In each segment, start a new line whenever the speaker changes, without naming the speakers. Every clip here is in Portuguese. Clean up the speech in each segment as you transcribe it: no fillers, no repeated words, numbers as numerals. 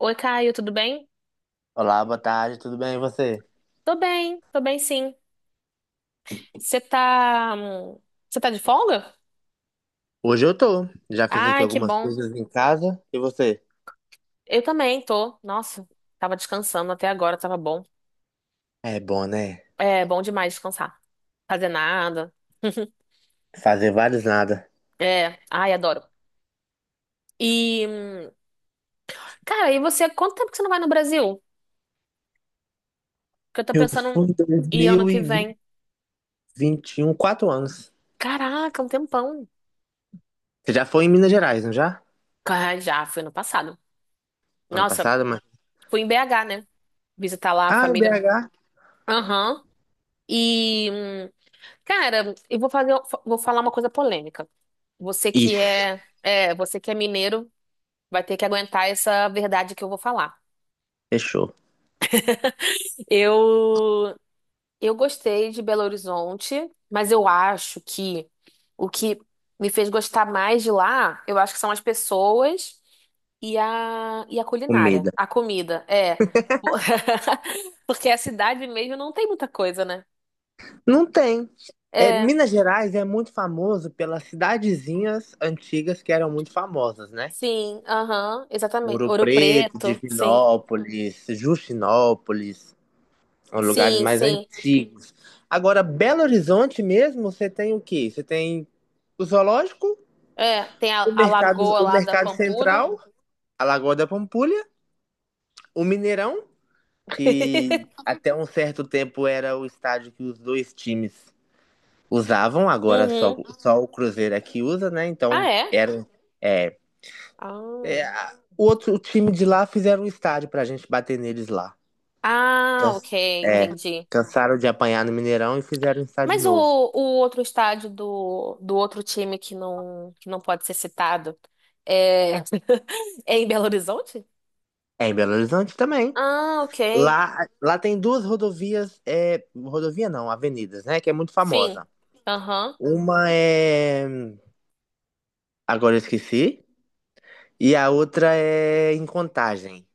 Oi, Caio, tudo bem?
Olá, boa tarde, tudo bem e você?
Tô bem, tô bem sim. Você tá, hum, você tá de folga?
Hoje eu tô. Já fiz aqui
Ai, que
algumas
bom.
coisas em casa. E você?
Eu também tô. Nossa, tava descansando até agora, tava bom.
É bom, né?
É bom demais descansar, fazer nada.
Fazer vários nada.
É, ai, adoro. E, hum, cara, e você, quanto tempo que você não vai no Brasil? Porque eu tô
Eu
pensando
fui em dois
em ir ano
mil
que
e
vem.
vinte e um, quatro anos.
Caraca, um tempão.
Você já foi em Minas Gerais, não já?
Ah, já, foi ano passado.
Ano
Nossa,
passado, mas.
fui em BH, né? Visitar lá a
Ah, em
família.
BH.
Aham. E hum, Cara, eu vou fazer, vou falar uma coisa polêmica.
Ih,
Você que é mineiro, vai ter que aguentar essa verdade que eu vou falar.
fechou.
Eu, eu gostei de Belo Horizonte, mas eu acho que o que me fez gostar mais de lá, eu acho que são as pessoas e a culinária,
Comida.
a comida, é. Porque a cidade mesmo não tem muita coisa, né?
Não tem. É,
É,
Minas Gerais é muito famoso pelas cidadezinhas antigas que eram muito famosas, né?
sim, aham, exatamente.
Muro
Ouro
Preto,
Preto, sim.
Divinópolis, Justinópolis. São lugares
Sim,
mais
sim.
antigos. Agora, Belo Horizonte mesmo, você tem o quê? Você tem o zoológico,
É, tem a lagoa
o
lá da
mercado
Pampulha.
central, a Lagoa da Pampulha, o Mineirão, que até um certo tempo era o estádio que os dois times usavam, agora só,
Uhum.
só o Cruzeiro é que usa, né?
Ah,
Então,
é?
era, é,
Ah,
a- o outro o time de lá fizeram um estádio pra gente bater neles lá.
ah, ok,
Can- É,
entendi.
cansaram de apanhar no Mineirão e fizeram um estádio
Mas
novo.
o outro estádio do outro time que não pode ser citado é, é em Belo Horizonte?
É em Belo Horizonte também.
Ah, ok.
Lá, lá tem duas rodovias, é, rodovia não, avenidas, né? Que é muito
Sim.
famosa.
Aham.
Uma é. Agora eu esqueci. E a outra é em Contagem.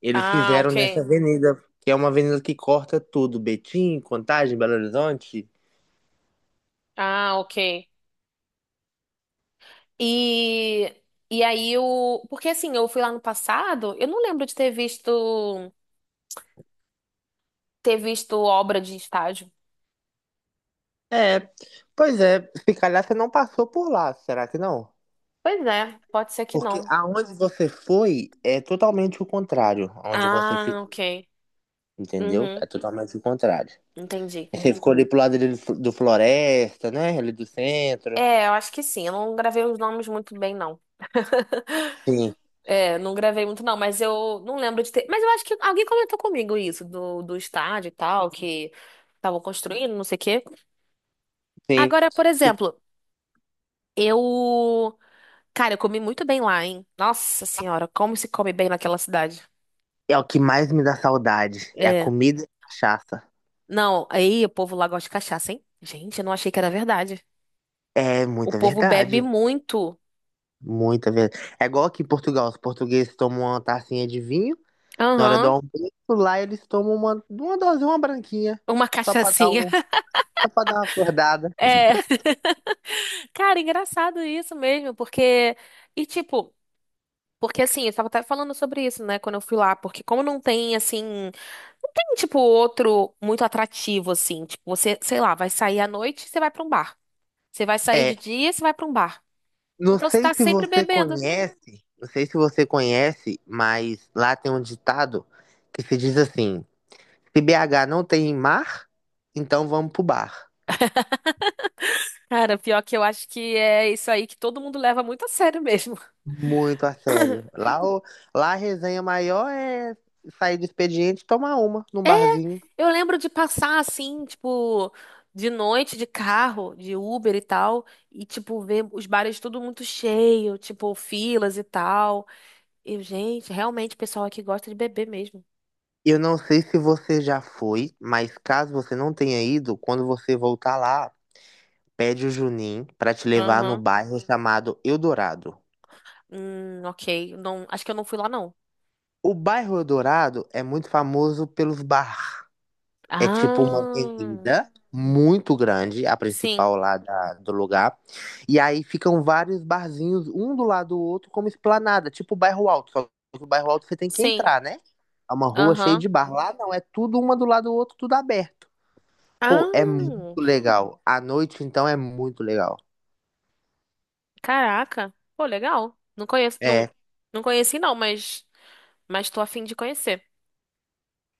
Eles
Ah,
fizeram nessa
ok.
avenida, que é uma avenida que corta tudo. Betim, Contagem, Belo Horizonte.
Ah, ok. E, e aí o. Porque assim, eu fui lá no passado, eu não lembro de ter visto obra de estádio.
É, pois é. Se calhar você não passou por lá, será que não?
Pois é, pode ser que
Porque
não.
aonde você foi é totalmente o contrário. Onde você
Ah,
fica,
ok.
entendeu?
Uhum,
É totalmente o contrário.
entendi.
Você ficou ali pro lado dele do Floresta, né? Ali do centro.
É, eu acho que sim. Eu não gravei os nomes muito bem, não.
Sim,
É, não gravei muito, não, mas eu não lembro de ter. Mas eu acho que alguém comentou comigo isso, do estádio e tal, que estavam construindo, não sei o quê.
sim.
Agora, por exemplo, eu. Cara, eu comi muito bem lá, hein? Nossa senhora, como se come bem naquela cidade.
É o que mais me dá saudade. É a
É.
comida e a cachaça.
Não, aí o povo lá gosta de cachaça, hein? Gente, eu não achei que era verdade.
É
O
muita
povo bebe
verdade.
muito.
Muita verdade. É igual aqui em Portugal. Os portugueses tomam uma tacinha de vinho. Na hora do
Aham.
almoço, lá eles tomam uma dosinha, uma branquinha.
Uma
Só pra dar
cachaçinha.
um, só pra dar uma acordada.
É, cara, engraçado isso mesmo, porque. E tipo, porque assim, eu tava até falando sobre isso, né, quando eu fui lá, porque como não tem, assim. Não tem, tipo, outro muito atrativo, assim. Tipo, você, sei lá, vai sair à noite, você vai pra um bar. Você vai sair
É,
de dia, você vai pra um bar. Então você tá sempre bebendo.
não sei se você conhece, mas lá tem um ditado que se diz assim: Se BH não tem mar, então vamos pro bar.
Cara, pior que eu acho que é isso aí que todo mundo leva muito a sério mesmo.
Muito a sério. Lá, lá a resenha maior é sair do expediente e tomar uma num barzinho.
Eu lembro de passar assim, tipo, de noite de carro, de Uber e tal, e tipo ver os bares tudo muito cheio, tipo filas e tal. Eu, gente, realmente o pessoal aqui gosta de beber mesmo.
Eu não sei se você já foi, mas caso você não tenha ido, quando você voltar lá, pede o Juninho pra te levar no
Aham.
bairro chamado Eldorado.
Ok. Não, acho que eu não fui lá não.
O bairro Eldorado é muito famoso pelos barracos. É tipo uma
Ah,
avenida muito grande, a
sim,
principal lá do lugar. E aí ficam vários barzinhos, um do lado do outro, como esplanada, tipo o bairro alto. Só que o bairro alto você tem que
sim.
entrar, né? É uma rua cheia
Aham.
de bar. Lá não, é tudo uma do lado do outro, tudo aberto. Pô, é muito
Ah,
legal. À noite, então, é muito legal.
caraca. Pô, legal. Não conheço, não,
É,
não conheci não, mas tô a fim de conhecer.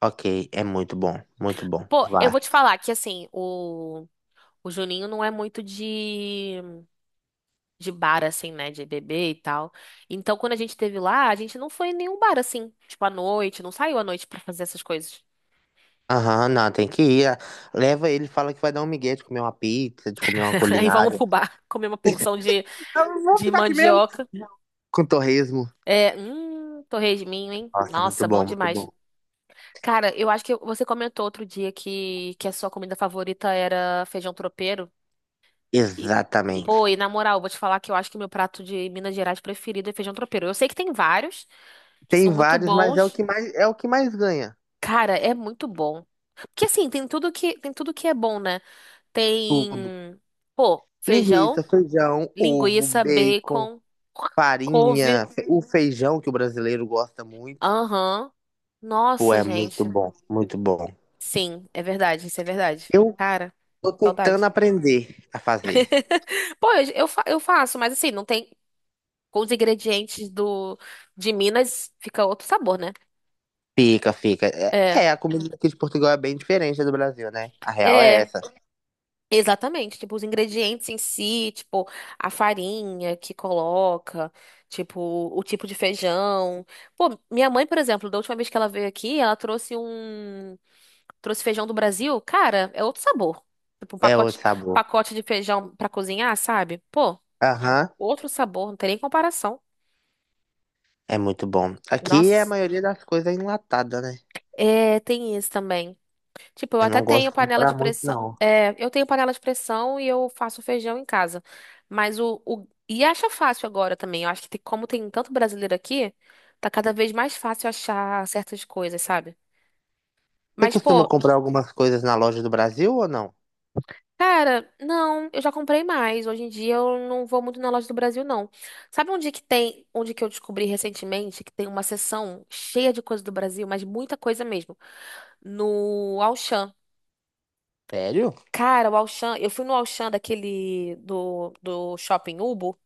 ok, é muito bom, muito bom.
Pô, eu
Vá.
vou te falar que assim, o O Juninho não é muito de bar, assim, né? De beber e tal. Então, quando a gente teve lá, a gente não foi em nenhum bar, assim. Tipo, à noite, não saiu à noite pra fazer essas coisas.
Aham, não, tem que ir. Ah, leva ele, fala que vai dar um migué de comer uma pizza, de comer uma
Aí vamos
culinária.
pro bar, comer uma porção
Eu vou
de
ficar aqui mesmo.
mandioca.
Com torresmo.
É, torresminho, hein?
Nossa, muito
Nossa, bom
bom, muito
demais.
bom.
Cara, eu acho que você comentou outro dia que a sua comida favorita era feijão tropeiro. E,
Exatamente.
pô, e na moral, vou te falar que eu acho que o meu prato de Minas Gerais preferido é feijão tropeiro. Eu sei que tem vários que
Tem
são muito
vários, mas é o
bons.
que mais é o que mais ganha.
Cara, é muito bom. Porque assim, tem tudo que é bom, né? Tem,
Tudo.
pô,
Linguiça,
feijão,
feijão, ovo,
linguiça,
bacon,
bacon, couve.
farinha, o feijão que o brasileiro gosta muito.
Aham.
Pô,
Nossa,
é muito
gente.
bom, muito bom.
Sim, é verdade, isso é verdade.
Eu
Cara,
tô tentando
saudade.
aprender a fazer.
Pô, eu faço, mas assim, não tem com os ingredientes do de Minas fica outro sabor, né?
Fica, fica.
É.
A comida aqui de Portugal é bem diferente da do Brasil, né? A real é
É.
essa.
Exatamente, tipo, os ingredientes em si, tipo, a farinha que coloca, tipo, o tipo de feijão. Pô, minha mãe, por exemplo, da última vez que ela veio aqui, ela trouxe trouxe feijão do Brasil, cara, é outro sabor. Tipo,
É outro sabor.
pacote de feijão pra cozinhar, sabe? Pô,
Aham,
outro sabor, não tem nem comparação.
é muito bom. Aqui a
Nossa,
maioria das coisas é enlatada, né?
é, tem isso também. Tipo, eu
Eu
até
não gosto
tenho
de
panela
comprar
de
muito,
pressão.
não.
É, eu tenho panela de pressão e eu faço feijão em casa. Mas o... E acha fácil agora também. Eu acho que tem- como tem tanto brasileiro aqui, tá cada vez mais fácil achar certas coisas, sabe?
Você
Mas,
costuma
pô,
comprar algumas coisas na loja do Brasil ou não?
cara, não, eu já comprei mais. Hoje em dia eu não vou muito na loja do Brasil, não. Sabe onde que tem, onde que eu descobri recentemente que tem uma seção cheia de coisa do Brasil, mas muita coisa mesmo? No Auchan.
Sério?
Cara, o Auchan, eu fui no Auchan daquele do Shopping Ubo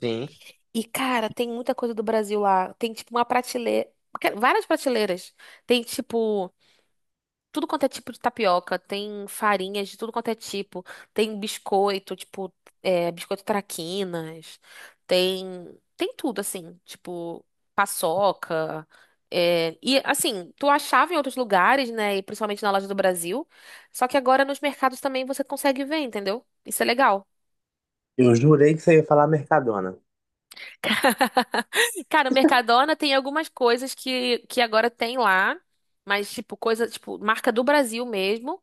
Sim.
e, cara, tem muita coisa do Brasil lá. Tem tipo uma prateleira, várias prateleiras. Tem tipo tudo quanto é tipo de tapioca, tem farinhas de tudo quanto é tipo, tem biscoito, tipo, é, biscoito traquinas, tem, tem tudo, assim, tipo, paçoca. É, e assim, tu achava em outros lugares, né? E principalmente na loja do Brasil. Só que agora nos mercados também você consegue ver, entendeu? Isso é legal.
Eu jurei que você ia falar Mercadona.
Cara, o Mercadona tem algumas coisas que agora tem lá, mas tipo, coisa, tipo, marca do Brasil mesmo.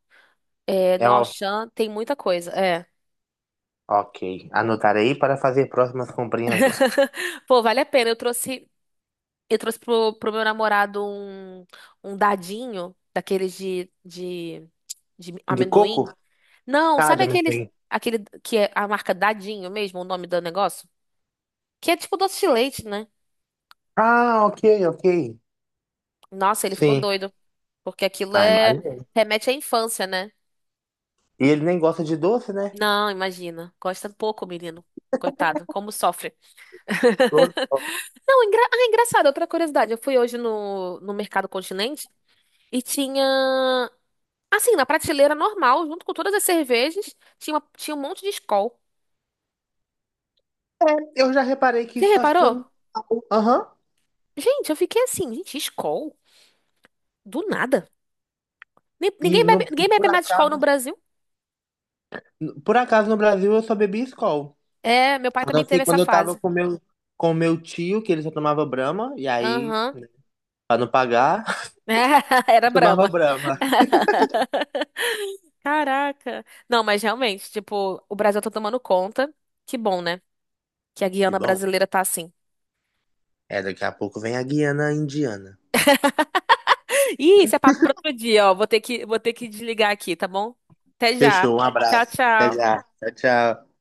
É,
É
no
o...
Auchan tem muita coisa. É.
Ok. Anotarei para fazer próximas comprinhas lá.
Pô, vale a pena. Eu trouxe pro meu namorado um dadinho daqueles de
De
amendoim.
coco?
Não,
Ah,
sabe
de
aqueles,
amendoim.
aquele que é a marca Dadinho mesmo, o nome do negócio? Que é tipo doce de leite, né?
Ah, ok, ok.
Nossa, ele ficou
Sim.
doido, porque aquilo
Ah,
é
imagina.
remete à infância, né?
E ele nem gosta de doce, né?
Não, imagina. Gosta pouco, menino. Coitado, como sofre.
Flor-
Não, engra... ah, engraçado, outra curiosidade. Eu fui hoje no, no Mercado Continente e tinha. Assim, na prateleira normal, junto com todas as cervejas, tinha, uma- tinha um monte de Skol.
É, eu já reparei que
Você
isso tá
reparou?
ficando. Aham.
Gente, eu fiquei assim, gente, Skol? Do nada.
E, e
Ninguém bebe mais Skol no Brasil.
por acaso no Brasil eu só bebi Skol.
É, meu pai
A não
também
ser
teve essa
quando eu tava
fase.
com meu tio, que ele só tomava Brahma, e aí,
Aham.
para não pagar.
Era
Eu tomava
Brahma.
Brahma.
Caraca. Não, mas realmente, tipo, o Brasil tá tomando conta. Que bom, né? Que a
Que
Guiana
bom.
brasileira tá assim.
É, daqui a pouco vem a Guiana Indiana.
Ih, isso é papo pra outro dia, ó. Vou ter que desligar aqui, tá bom? Até já.
Fechou, um
Tchau,
abraço. Até
tchau.
já. Tchau, tchau.